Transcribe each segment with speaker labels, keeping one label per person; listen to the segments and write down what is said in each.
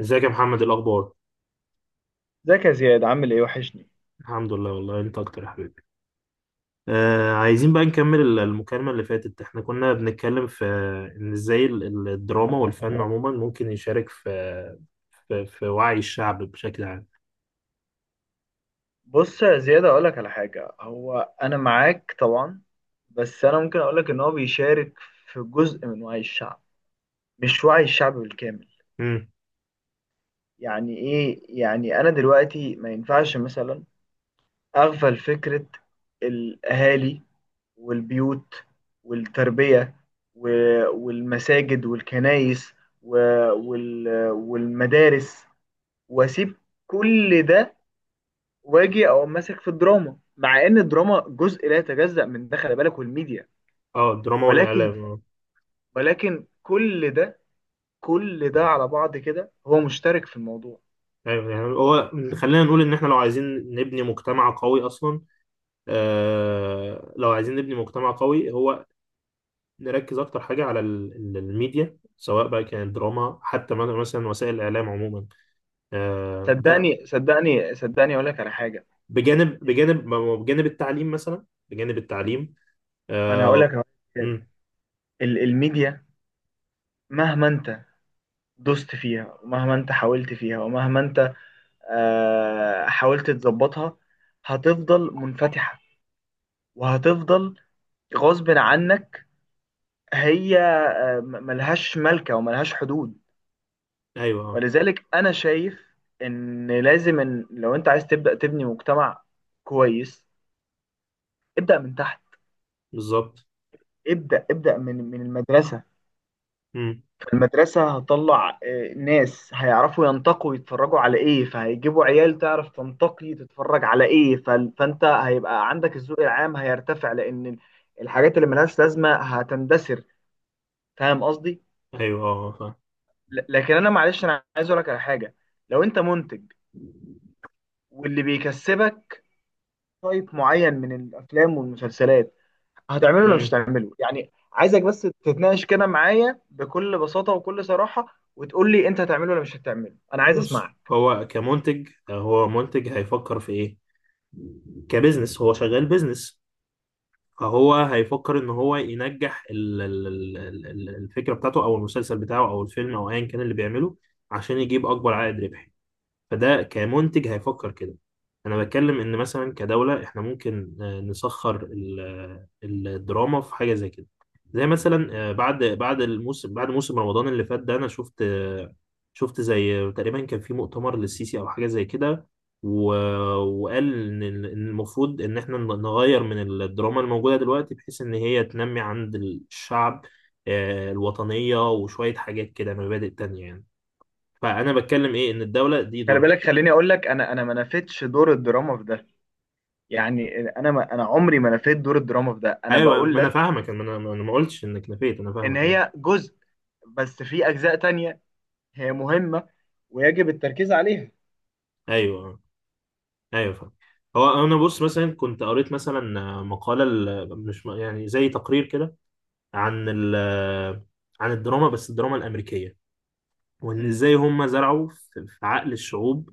Speaker 1: ازيك يا محمد؟ الاخبار؟
Speaker 2: ازيك يا زياد، عامل ايه؟ وحشني.
Speaker 1: الحمد لله، والله انت اكتر يا حبيبي. عايزين بقى نكمل المكالمة اللي فاتت. احنا كنا بنتكلم في ان ازاي الدراما والفن عموما ممكن يشارك في في وعي الشعب بشكل عام.
Speaker 2: بص يا زياد اقولك على حاجة، هو انا معاك طبعا، بس انا ممكن اقولك ان هو بيشارك في جزء من وعي الشعب، مش وعي الشعب بالكامل.
Speaker 1: امم
Speaker 2: يعني ايه؟ يعني انا دلوقتي ما ينفعش مثلا اغفل فكرة الاهالي والبيوت والتربية والمساجد والكنائس والمدارس واسيب كل ده واجي اقوم ماسك في الدراما، مع ان الدراما جزء لا يتجزأ من ده، خلي بالك، والميديا.
Speaker 1: اه، الدراما
Speaker 2: ولكن
Speaker 1: والاعلام، اه.
Speaker 2: كل ده، كل ده على بعض كده هو مشترك في الموضوع.
Speaker 1: ايوه، يعني هو، خلينا نقول ان احنا لو عايزين نبني مجتمع قوي اصلا. آه، لو عايزين نبني مجتمع قوي، هو نركز اكتر حاجة على الميديا، سواء بقى كانت دراما، حتى مثلا وسائل الاعلام عموما. ده
Speaker 2: صدقني صدقني اقول لك على حاجه.
Speaker 1: بجانب، بجانب ما هو بجانب التعليم، مثلا بجانب التعليم.
Speaker 2: ما انا هقول
Speaker 1: آه.
Speaker 2: لك على حاجة.
Speaker 1: امم.
Speaker 2: الميديا، مهما انت دوست فيها، ومهما انت حاولت فيها، ومهما انت حاولت تظبطها، هتفضل منفتحه، وهتفضل غصب عنك. هي ملهاش ملكه وملهاش حدود.
Speaker 1: ايوه،
Speaker 2: ولذلك انا شايف ان لازم، إن لو انت عايز تبدا تبني مجتمع كويس، ابدا من تحت.
Speaker 1: بالظبط.
Speaker 2: ابدا، ابدا من المدرسه.
Speaker 1: امم.
Speaker 2: فالمدرسه هتطلع ناس هيعرفوا ينتقوا يتفرجوا على ايه، فهيجيبوا عيال تعرف تنتقي تتفرج على ايه، فانت هيبقى عندك الذوق العام، هيرتفع، لان الحاجات اللي ملهاش لازمه هتندثر. فاهم قصدي؟
Speaker 1: ايوه، فاهم.
Speaker 2: لكن انا، معلش، انا عايز اقول لك على حاجه. لو انت منتج واللي بيكسبك تايب معين من الافلام والمسلسلات، هتعمله ولا مش
Speaker 1: امم.
Speaker 2: هتعمله؟ يعني عايزك بس تتناقش كده معايا بكل بساطه وكل صراحه، وتقول لي انت هتعمله ولا مش هتعمله. انا عايز
Speaker 1: بص،
Speaker 2: اسمعك.
Speaker 1: هو كمنتج، هو منتج هيفكر في ايه؟ كبزنس، هو شغال بزنس. فهو هيفكر ان هو ينجح الفكره بتاعته، او المسلسل بتاعه، او الفيلم، او ايا كان اللي بيعمله، عشان يجيب اكبر عائد ربحي. فده كمنتج هيفكر كده. انا بتكلم ان مثلا كدولة احنا ممكن، نسخر ال- الدراما في حاجة زي كده. زي مثلا بعد، بعد الموسم بعد موسم رمضان اللي فات ده، انا شفت، شفت زي تقريبا كان في مؤتمر للسيسي او حاجة زي كده. و- وقال ان إن المفروض ان احنا نغير من الدراما الموجودة دلوقتي، بحيث ان هي تنمي عند الشعب الوطنية، وشوية حاجات كده، مبادئ تانية يعني. فانا بتكلم ايه؟ ان الدولة دي
Speaker 2: خلي
Speaker 1: دورها.
Speaker 2: بالك، خليني اقول لك، انا ما نفيتش دور الدراما في ده. يعني انا، ما انا عمري ما نفيت دور الدراما في ده، انا
Speaker 1: ايوه،
Speaker 2: بقول
Speaker 1: ما انا
Speaker 2: لك
Speaker 1: فاهمك. انا ما قلتش انك نفيت، انا
Speaker 2: ان
Speaker 1: فاهمك، ايوه.
Speaker 2: هي جزء، بس في اجزاء تانية هي مهمه ويجب التركيز عليها.
Speaker 1: ايوه. ايوه فاهم. هو انا بص، مثلا كنت قريت مثلا مقاله، ال- مش م- يعني زي تقرير كده، عن عن الدراما، بس الدراما الامريكيه، وان
Speaker 2: امم.
Speaker 1: ازاي هم زرعوا في، في عقل الشعوب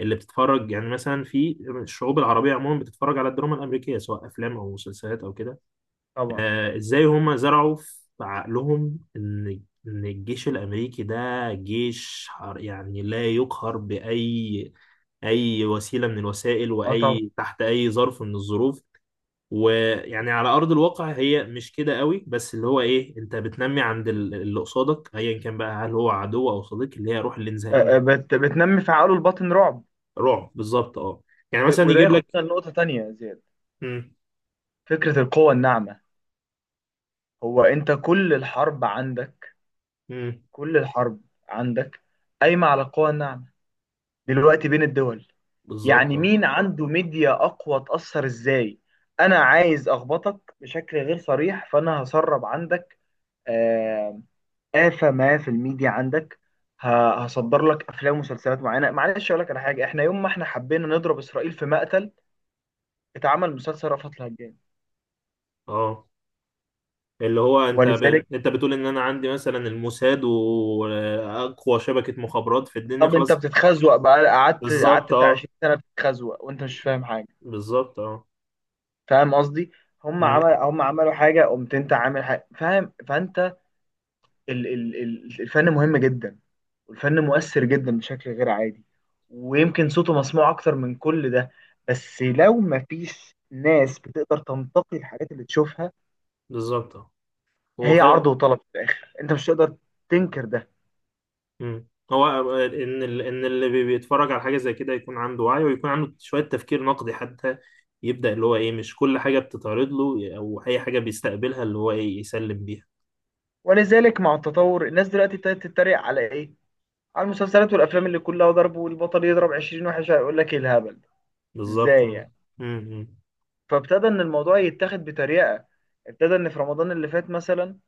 Speaker 1: اللي بتتفرج. يعني مثلا في الشعوب العربيه عموما بتتفرج على الدراما الامريكيه، سواء افلام او مسلسلات او كده.
Speaker 2: طبعا.
Speaker 1: ازاي هم زرعوا في عقلهم ان، ان الجيش الامريكي ده جيش حر، يعني لا يقهر باي، اي وسيله من الوسائل،
Speaker 2: اه طبعا.
Speaker 1: واي تحت اي ظرف من الظروف. ويعني على ارض الواقع هي مش كده قوي، بس اللي هو ايه، انت بتنمي عند اللي قصادك، ايا كان بقى هل هو عدو او صديق، اللي هي روح الانزهاء.
Speaker 2: آه، آه، بت بتنمي في عقله الباطن رعب.
Speaker 1: رعب، بالظبط، اه. يعني مثلا
Speaker 2: وده
Speaker 1: يجيب لك.
Speaker 2: ياخدنا لنقطه تانية يا زياد، فكرة القوة الناعمة. هو انت كل الحرب عندك،
Speaker 1: امم.
Speaker 2: كل الحرب عندك قايمة على القوة الناعمة دلوقتي بين الدول.
Speaker 1: بالظبط،
Speaker 2: يعني
Speaker 1: اه.
Speaker 2: مين عنده ميديا اقوى، تأثر ازاي. انا عايز اخبطك بشكل غير صريح، فانا هسرب عندك آه، آفة ما في الميديا عندك. هصدر لك افلام ومسلسلات معينة. معلش اقول لك على حاجة، احنا يوم ما احنا حبينا نضرب اسرائيل في مقتل، اتعمل مسلسل رأفت الهجان.
Speaker 1: اه، اللي هو انت ب...
Speaker 2: ولذلك،
Speaker 1: انت بتقول ان انا عندي مثلا الموساد واقوى شبكة مخابرات في الدنيا،
Speaker 2: طب انت
Speaker 1: خلاص.
Speaker 2: بتتخزوق بقى، قعدت
Speaker 1: بالظبط،
Speaker 2: قعدت بتاع
Speaker 1: اه.
Speaker 2: 20 سنه بتتخزوق وانت مش فاهم حاجه.
Speaker 1: بالظبط، اه.
Speaker 2: فاهم قصدي؟
Speaker 1: امم.
Speaker 2: هم عملوا حاجه، قمت انت عامل حاجه، فاهم؟ فانت الفن مهم جدا، والفن مؤثر جدا بشكل غير عادي، ويمكن صوته مسموع اكتر من كل ده. بس لو ما فيش ناس بتقدر تنتقي الحاجات اللي تشوفها،
Speaker 1: بالظبط، اه. هو
Speaker 2: هي
Speaker 1: خل...
Speaker 2: عرض وطلب في الاخر، انت مش هتقدر تنكر ده.
Speaker 1: امم. هو ان ال... ان اللي بيتفرج على حاجة زي كده يكون عنده وعي، ويكون عنده شوية تفكير نقدي حتى، يبدأ اللي هو ايه؟ مش كل حاجة بتتعرض له او اي حاجة بيستقبلها اللي هو ايه يسلم بيها.
Speaker 2: ولذلك مع التطور، الناس دلوقتي ابتدت تتريق على ايه، على المسلسلات والافلام اللي كلها ضرب والبطل يضرب 20 واحد، هيقول لك ايه الهبل ده؟
Speaker 1: بالظبط،
Speaker 2: ازاي
Speaker 1: اه.
Speaker 2: يعني؟
Speaker 1: امم.
Speaker 2: فابتدى ان الموضوع يتاخد بطريقه. ابتدى ان في رمضان اللي فات مثلا،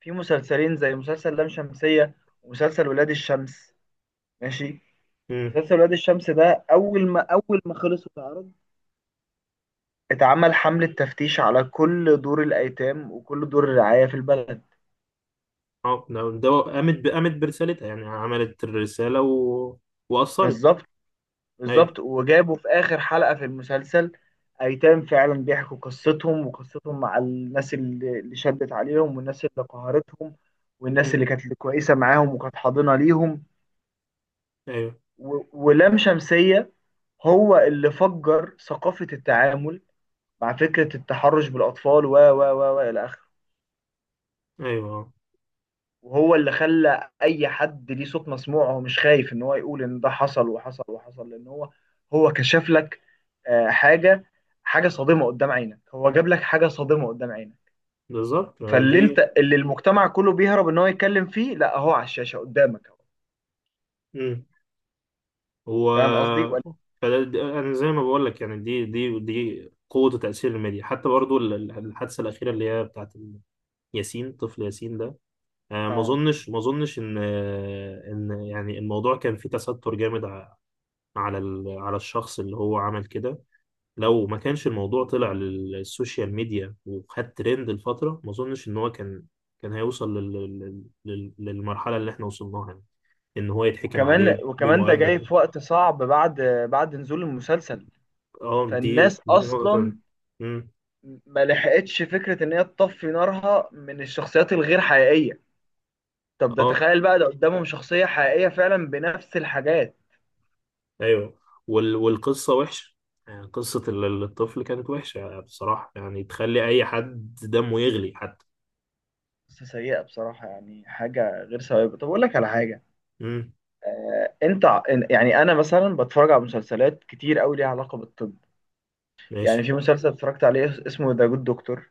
Speaker 2: في مسلسلين، زي مسلسل لام شمسيه ومسلسل ولاد الشمس. ماشي.
Speaker 1: امم.
Speaker 2: مسلسل ولاد الشمس ده، اول ما خلص واتعرض، اتعمل حمله تفتيش على كل دور الايتام وكل دور الرعايه في البلد.
Speaker 1: اه، ده ده قامت ب... قامت برسالتها، يعني عملت الرسالة و... وأثرت.
Speaker 2: بالظبط.
Speaker 1: ايوه.
Speaker 2: بالظبط، وجابوا في آخر حلقة في المسلسل أيتام فعلا بيحكوا قصتهم، وقصتهم مع الناس اللي شدت عليهم، والناس اللي قهرتهم، والناس
Speaker 1: مم.
Speaker 2: اللي كانت كويسة معاهم وكانت حاضنة ليهم.
Speaker 1: ايوه.
Speaker 2: ولام شمسية هو اللي فجر ثقافة التعامل مع فكرة التحرش بالأطفال و إلى آخره.
Speaker 1: ايوه. آه.
Speaker 2: وهو اللي خلى اي حد ليه صوت مسموع، هو مش خايف ان هو يقول ان ده حصل وحصل وحصل، لان هو، هو كشف لك آه، حاجه حاجه صادمه قدام عينك. هو جاب لك حاجه صادمه قدام عينك.
Speaker 1: بالظبط،
Speaker 2: فاللي
Speaker 1: دي.
Speaker 2: انت، اللي المجتمع كله بيهرب ان هو يتكلم فيه، لا، هو على الشاشه قدامك اهو.
Speaker 1: مم.
Speaker 2: فاهم قصدي
Speaker 1: هو،
Speaker 2: ولا؟
Speaker 1: انا زي ما بقول لك يعني، دي قوة وتأثير الميديا. حتى برضو الحادثة الأخيرة اللي هي بتاعت ياسين، طفل ياسين ده، ما
Speaker 2: اه.
Speaker 1: اظنش، ما اظنش ان، ان يعني الموضوع كان فيه تستر جامد على على الشخص اللي هو عمل كده. لو ما كانش الموضوع طلع للسوشيال ميديا وخد ترند لفترة، ما اظنش ان هو كان، كان هيوصل لل... لل... للمرحلة اللي احنا وصلناها، ان هو يتحكم
Speaker 2: وكمان
Speaker 1: عليه
Speaker 2: وكمان ده جاي
Speaker 1: بمؤبد.
Speaker 2: في وقت صعب، بعد بعد نزول المسلسل.
Speaker 1: اه، دي
Speaker 2: فالناس
Speaker 1: دي نقطة.
Speaker 2: اصلا
Speaker 1: مم.
Speaker 2: ما لحقتش فكره ان هي تطفي نارها من الشخصيات الغير حقيقيه، طب ده
Speaker 1: اه.
Speaker 2: تخيل بقى ده قدامهم شخصية حقيقية فعلا بنفس الحاجات.
Speaker 1: ايوه. وال... والقصة وحشة، يعني قصة الطفل كانت وحشة بصراحة، يعني تخلي اي حد دمه يغلي حتى.
Speaker 2: بس سيئة بصراحة، يعني حاجة غير سوية. طب أقول لك على حاجة،
Speaker 1: مم.
Speaker 2: آه أنت ع- إن- يعني أنا مثلا بتفرج على مسلسلات كتير أوي ليها علاقة بالطب. يعني
Speaker 1: ماشي.
Speaker 2: في مسلسل اتفرجت عليه اسمه ذا جود دكتور.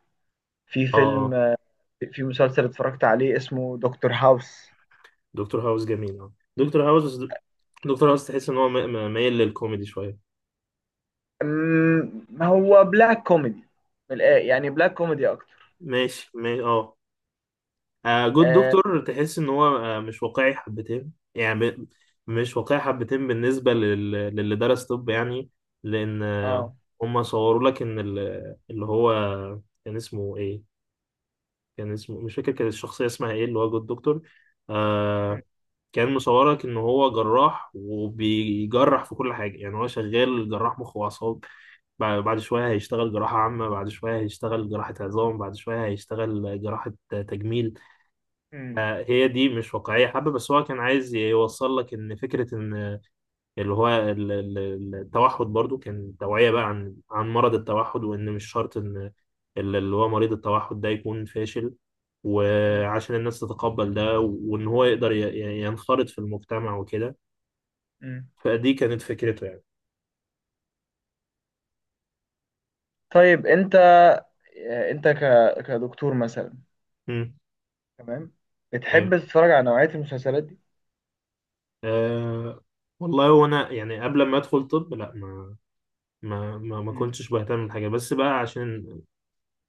Speaker 2: في
Speaker 1: اه.
Speaker 2: فيلم،
Speaker 1: اه،
Speaker 2: في مسلسل اتفرجت عليه اسمه دكتور هاوس.
Speaker 1: دكتور هاوس جميل، اه. دكتور هاوس، دكتور هاوس تحس ان هو مايل للكوميدي شوية.
Speaker 2: هو بلاك كوميدي، يعني بلاك كوميدي أكتر.
Speaker 1: ماشي، ما... اه. آه، جود
Speaker 2: آه,
Speaker 1: دكتور تحس ان هو آه مش واقعي حبتين، يعني مش واقعي حبتين بالنسبه للي درس طب يعني. لان آه،
Speaker 2: آه.
Speaker 1: هم صوروا لك ان اللي هو، كان اسمه ايه، كان اسمه مش فاكر، كان الشخصيه اسمها ايه اللي هو جود دكتور، آه،
Speaker 2: م-
Speaker 1: كان مصورك ان هو جراح، وبيجرح في كل حاجه. يعني هو شغال جراح مخ واعصاب، بعد، بعد شويه هيشتغل جراحه عامه، بعد شويه هيشتغل جراحه عظام، بعد شويه هيشتغل جراحه تجميل.
Speaker 2: م-
Speaker 1: هي دي مش واقعية حبة، بس هو كان عايز يوصل لك إن فكرة إن اللي هو التوحد. برضو كان توعية بقى عن، عن مرض التوحد، وإن مش شرط إن اللي هو مريض التوحد ده يكون فاشل،
Speaker 2: م-
Speaker 1: وعشان الناس تتقبل ده، وإن هو يقدر ينخرط في المجتمع وكده.
Speaker 2: م.
Speaker 1: فدي كانت فكرته يعني.
Speaker 2: طيب أنت، آه، أنت ك... كدكتور مثلا،
Speaker 1: مم.
Speaker 2: تمام،
Speaker 1: أيوه.
Speaker 2: بتحب تتفرج على نوعية المسلسلات دي؟
Speaker 1: أه، والله وانا يعني قبل ما ادخل طب، لا، ما
Speaker 2: مم.
Speaker 1: كنتش بهتم بالحاجه، بس بقى عشان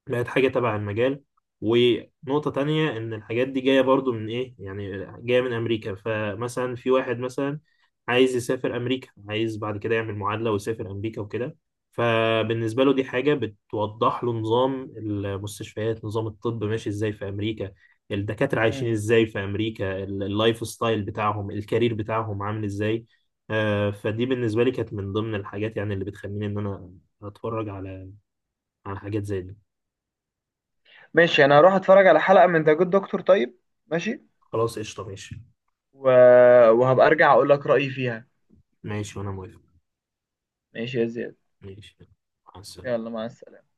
Speaker 1: لقيت حاجة تبع المجال. ونقطة تانية إن الحاجات دي جاية برضو من إيه؟ يعني جاية من أمريكا. فمثلا في واحد مثلا عايز يسافر أمريكا، عايز بعد كده يعمل معادلة ويسافر أمريكا وكده، فبالنسبة له دي حاجة بتوضح له نظام المستشفيات، نظام الطب ماشي إزاي في أمريكا، الدكاترة عايشين
Speaker 2: مم.
Speaker 1: إزاي في أمريكا، اللايف ستايل بتاعهم، الكارير بتاعهم عامل إزاي. فدي بالنسبة لي كانت من ضمن الحاجات يعني اللي بتخليني إن أنا أتفرج على، على حاجات زي دي.
Speaker 2: ماشي، انا هروح اتفرج على حلقة من ذا جود دكتور. طيب، ماشي.
Speaker 1: خلاص، قشطة، ماشي.
Speaker 2: و... وهبقى ارجع اقول لك رأيي فيها.
Speaker 1: ماشي، وأنا موافق.
Speaker 2: ماشي يا زياد.
Speaker 1: ماشي. مع السلامة.
Speaker 2: يلا، مع السلامة.